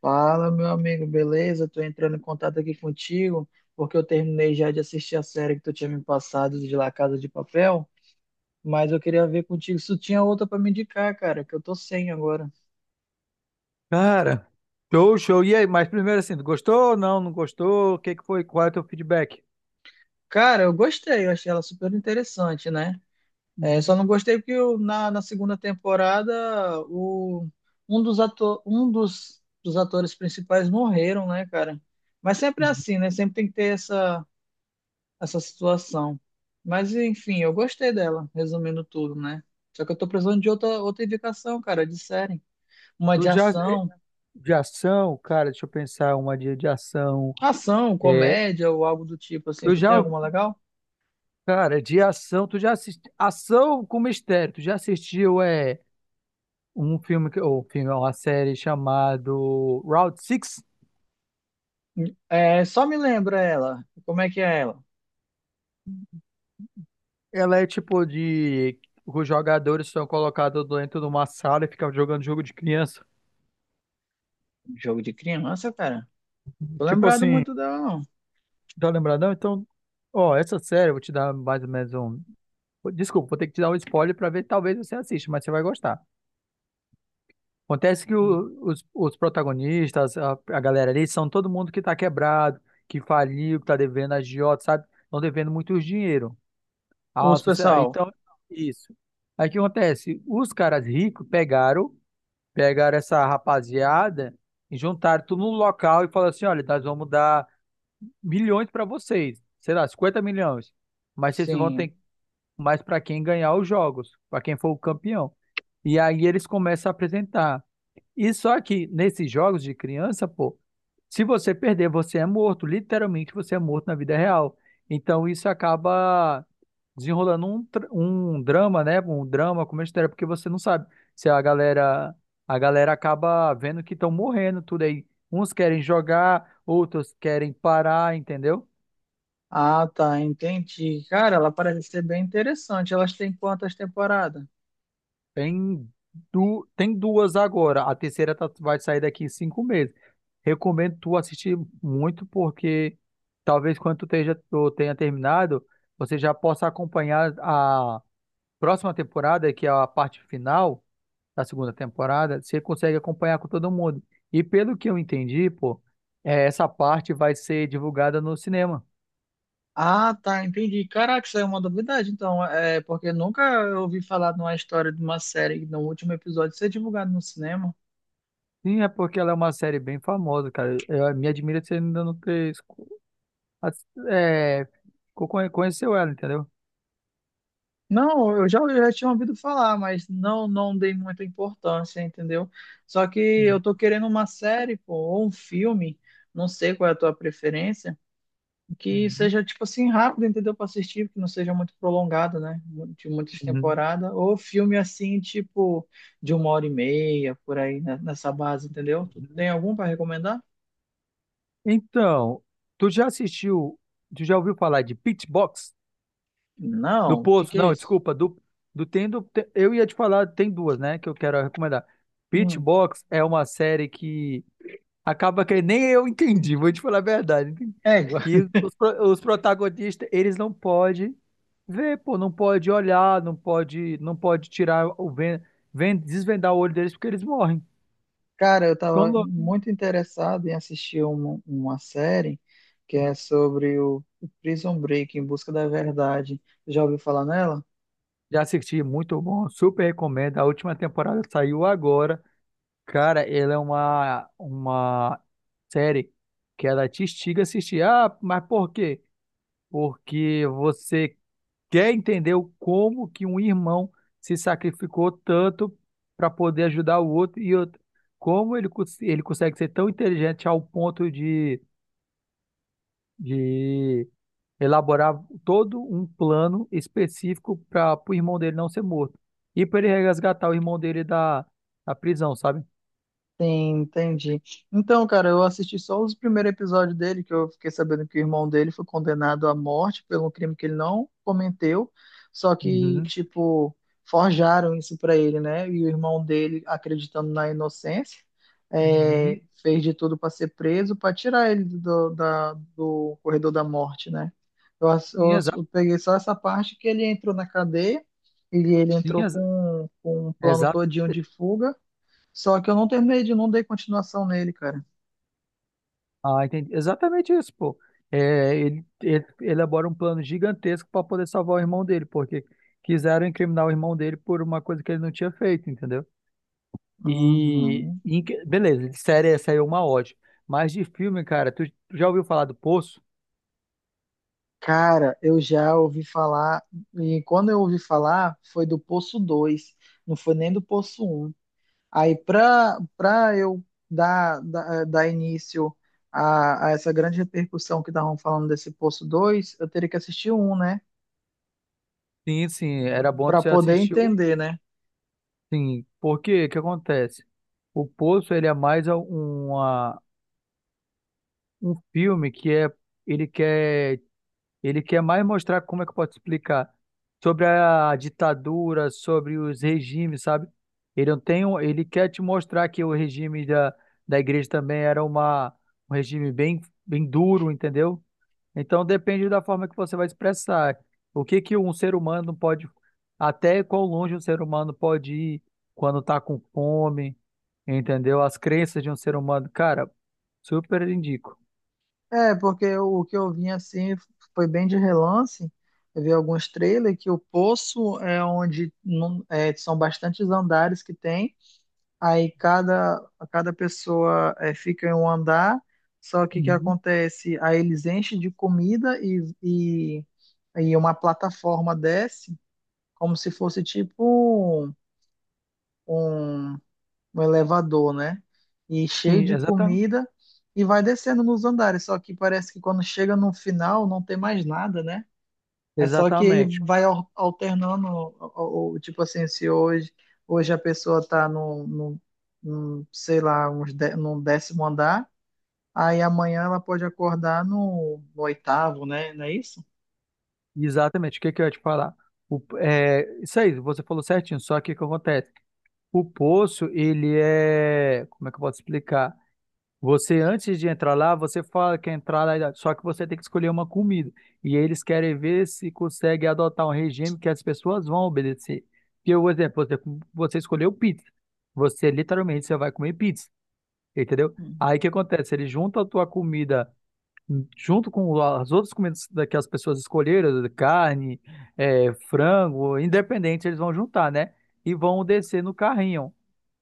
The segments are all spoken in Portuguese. Fala, meu amigo, beleza? Tô entrando em contato aqui contigo, porque eu terminei já de assistir a série que tu tinha me passado de La Casa de Papel, mas eu queria ver contigo se tu tinha outra pra me indicar, cara, que eu tô sem agora. Cara, show, show. E aí, mas primeiro assim, tu gostou ou não? Não gostou? O que que foi? Qual é o teu feedback? Cara, eu gostei, eu achei ela super interessante, né? É, só Uhum, não gostei porque na segunda temporada o, um dos atores principais morreram, né, cara? Mas sempre é uhum. assim, né? Sempre tem que ter essa. Situação. Mas enfim, eu gostei dela, resumindo tudo, né? Só que eu tô precisando de outra indicação, cara, de série. Uma Eu de já, é, ação, de ação, cara, deixa eu pensar uma de ação. ação, É, comédia ou algo do tipo assim. eu Tu já, tem alguma legal? cara, de ação, tu já assistiu, ação com mistério, tu já assistiu, um filme, é uma série chamado Route Six. É, só me lembra ela. Como é que é ela? Ela é tipo de, os jogadores são colocados dentro de uma sala e ficam jogando jogo de criança. Jogo de criança, cara. Tô Tipo lembrado assim, muito dela, não. tá lembradão? Então, ó, essa série eu vou te dar mais ou menos um. Desculpa, vou ter que te dar um spoiler pra ver, talvez você assista, mas você vai gostar. Acontece que os protagonistas, a galera ali, são todo mundo que tá quebrado, que faliu, que tá devendo agiota, sabe? Estão devendo muito dinheiro. Ah, Os sociedade. pessoal, Então, isso. Aí o que acontece? Os caras ricos pegaram, pegaram essa rapaziada e juntaram tudo num local e falaram assim: olha, nós vamos dar milhões para vocês, sei lá, 50 milhões. Mas vocês vão sim. ter mais para quem ganhar os jogos, para quem for o campeão. E aí eles começam a apresentar. E só que nesses jogos de criança, pô, se você perder, você é morto. Literalmente, você é morto na vida real. Então isso acaba desenrolando um drama, né? Um drama com uma história, porque você não sabe se a galera acaba vendo que estão morrendo tudo aí. Uns querem jogar, outros querem parar, entendeu? Ah, tá, entendi. Cara, ela parece ser bem interessante. Elas têm quantas temporadas? Tem, tem duas agora. A terceira tá- vai sair daqui cinco meses. Recomendo tu assistir muito, porque talvez quando tu esteja- tu tenha terminado, você já possa acompanhar a próxima temporada, que é a parte final da segunda temporada. Você consegue acompanhar com todo mundo. E pelo que eu entendi, pô, essa parte vai ser divulgada no cinema. Ah, tá, entendi. Caraca, isso é uma novidade, então. É porque nunca eu ouvi falar de uma história de uma série que no último episódio ser divulgado no cinema. Sim, é porque ela é uma série bem famosa, cara. Eu, me admira você ainda não ter as- é, conheceu ela, entendeu? Não, eu já tinha ouvido falar, mas não dei muita importância, entendeu? Só que eu tô querendo uma série, pô, ou um filme, não sei qual é a tua preferência, que Uhum, seja tipo assim rápido, entendeu? Para assistir, que não seja muito prolongado, né? De muitas uhum, temporadas, ou filme assim, tipo de uma hora e meia, por aí, né? Nessa base, entendeu? Tu uhum. tem algum para recomendar? Então, tu já assistiu, tu já ouviu falar de Pitchbox? Do Não, o que Poço, que é não, isso? desculpa, do, do tem do, te- eu ia te falar, tem duas, né, que eu quero recomendar. Hum. Pitchbox é uma série que acaba que nem eu entendi, vou te falar a verdade. Égua. Que os protagonistas, eles não podem ver, pô, não pode olhar, não pode tirar desvendar o olho deles porque eles morrem. Cara, eu Ficam tava loucos. muito interessado em assistir uma série que é sobre o Prison Break, Em Busca da Verdade. Já ouviu falar nela? Já assisti, muito bom, super recomendo. A última temporada saiu agora. Cara, ela é uma série que ela te instiga a assistir. Ah, mas por quê? Porque você quer entender o como que um irmão se sacrificou tanto para poder ajudar o outro e outro, como ele, cons- ele consegue ser tão inteligente ao ponto de elaborar todo um plano específico para o irmão dele não ser morto e para ele resgatar o irmão dele da, da prisão, sabe? Sim, entendi. Então, cara, eu assisti só os primeiros episódios dele, que eu fiquei sabendo que o irmão dele foi condenado à morte pelo crime que ele não cometeu, só que, Uhum. tipo, forjaram isso pra ele, né? E o irmão dele, acreditando na inocência, Uhum. Fez de tudo pra ser preso, pra tirar ele do corredor da morte, né? Eu, ass- eu Sim, ass- exa eu peguei só essa parte que ele entrou na cadeia, e ele sim, entrou exa- com um plano exato. todinho de fuga. Só que eu não terminei de não dei continuação nele, cara. Ah, entendi. Exatamente isso, pô. É, ele elabora um plano gigantesco para poder salvar o irmão dele, porque quiseram incriminar o irmão dele por uma coisa que ele não tinha feito, entendeu? Uhum. Beleza, de série é, saiu uma ótima. Mas de filme, cara, tu, tu já ouviu falar do Poço? Cara, eu já ouvi falar, e quando eu ouvi falar, foi do Poço dois, não foi nem do Poço um. Aí, pra eu dar início a essa grande repercussão que estavam falando desse Poço dois, eu teria que assistir um, né? Sim, sim, era bom Pra tu poder assistir. Entender, né? Sim, porque o que acontece? O Poço, ele é mais um filme que é, ele quer. Ele quer mais mostrar como é que eu posso explicar sobre a ditadura, sobre os regimes, sabe? Ele não tem, ele quer te mostrar que o regime da, da igreja também era um regime bem, bem duro, entendeu? Então depende da forma que você vai expressar. O que que um ser humano pode, até quão longe um ser humano pode ir quando tá com fome, entendeu? As crenças de um ser humano, cara, super indico. É, porque o que eu vi assim foi bem de relance. Eu vi alguns trailers que o poço é onde são bastantes andares que tem. Aí cada pessoa fica em um andar. Só que o que Uhum. acontece? Aí eles enchem de comida e uma plataforma desce, como se fosse tipo um um elevador, né? E cheio Sim, de exatamente. comida e vai descendo nos andares. Só que parece que quando chega no final não tem mais nada, né? É só que ele Exatamente. vai alternando, tipo assim, se hoje a pessoa tá no, sei lá, no 10º andar, aí amanhã ela pode acordar no oitavo, né? Não é isso? Exatamente, o que que eu ia te falar? O, é, isso aí, você falou certinho, só que o que acontece? O poço, ele é. Como é que eu posso explicar? Você, antes de entrar lá, você fala que quer entrar lá, só que você tem que escolher uma comida. E eles querem ver se consegue adotar um regime que as pessoas vão obedecer. Porque, por exemplo, você escolheu pizza. Você literalmente você vai comer pizza, entendeu? Aí o que acontece? Ele junta a tua comida junto com as outras comidas da- que as pessoas escolheram, carne, frango, independente, eles vão juntar, né? E vão descer no carrinho.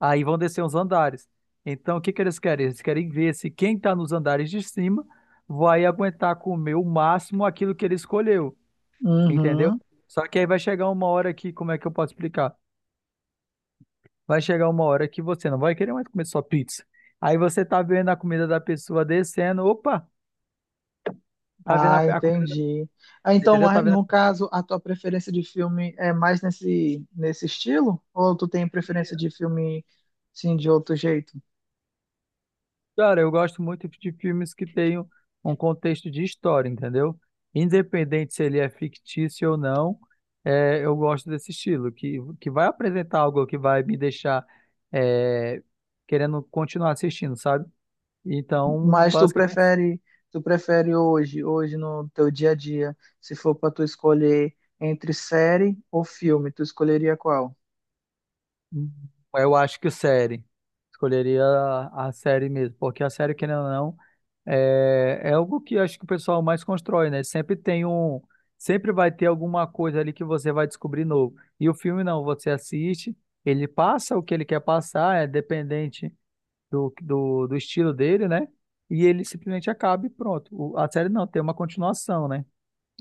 Aí vão descer os andares. Então, o que que eles querem? Eles querem ver se quem está nos andares de cima vai aguentar comer o máximo aquilo que ele escolheu, entendeu? Uhum. Só que aí vai chegar uma hora que, como é que eu posso explicar? Vai chegar uma hora que você não vai querer mais comer só pizza. Aí você tá vendo a comida da pessoa descendo, opa, tá vendo Ah, a comida da, entendi. Ah, então, entendeu? Tá vendo. no caso, a tua preferência de filme é mais nesse estilo? Ou tu tem preferência de filme, sim, de outro jeito? Cara, eu gosto muito de filmes que tenham um contexto de história, entendeu? Independente se ele é fictício ou não, eu gosto desse estilo, que vai apresentar algo que vai me deixar é, querendo continuar assistindo, sabe? Então, Mas tu basicamente, prefere, tu prefere hoje no teu dia a dia, se for para tu escolher entre série ou filme, tu escolheria qual? eu acho que série. Escolheria a série mesmo, porque a série, querendo ou não, é, é algo que eu acho que o pessoal mais constrói, né? Sempre tem um, sempre vai ter alguma coisa ali que você vai descobrir novo. E o filme não, você assiste, ele passa o que ele quer passar, é dependente do estilo dele, né? E ele simplesmente acaba e pronto. O- a série não, tem uma continuação, né?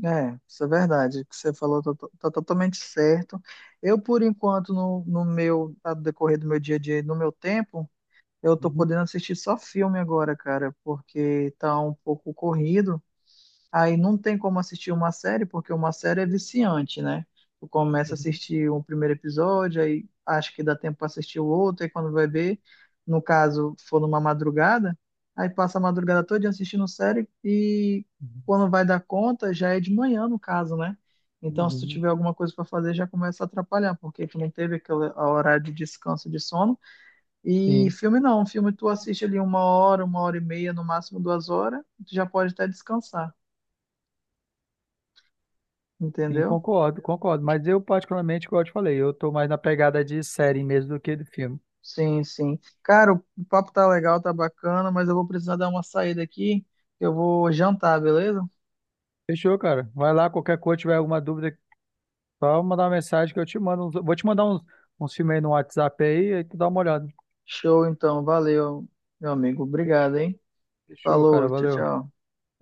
É, isso é verdade. O que você falou tá totalmente certo. Eu, por enquanto, no decorrer do meu dia a dia, e no meu tempo. Eu tô Uhum, podendo assistir só filme agora, cara, porque tá um pouco corrido. Aí não tem como assistir uma série, porque uma série é viciante, né? Tu começa a uhum, assistir o primeiro episódio, aí acha que dá tempo pra assistir o outro, aí quando vai ver, no caso, for numa madrugada, aí passa a madrugada toda assistindo série e quando vai dar conta, já é de manhã, no caso, né? Então, uhum, se tu uhum. tiver alguma coisa pra fazer, já começa a atrapalhar, porque tu não teve aquele horário de descanso de sono e Sim, filme não, filme tu assiste ali uma hora e meia, no máximo 2 horas, tu já pode até descansar, sim, entendeu? concordo, concordo. Mas eu particularmente, como eu te falei, eu tô mais na pegada de série mesmo do que de filme. Sim, sim. Cara, o papo tá legal, tá bacana, mas eu vou precisar dar uma saída aqui. Eu vou jantar, beleza? Fechou, cara. Vai lá, qualquer coisa, tiver alguma dúvida. Só mandar uma mensagem que eu te mando. Vou te mandar uns filmes aí no WhatsApp aí, aí tu dá uma olhada. Show então, valeu, meu amigo. Obrigado, hein? Fechou, cara. Falou, tchau, Valeu. tchau.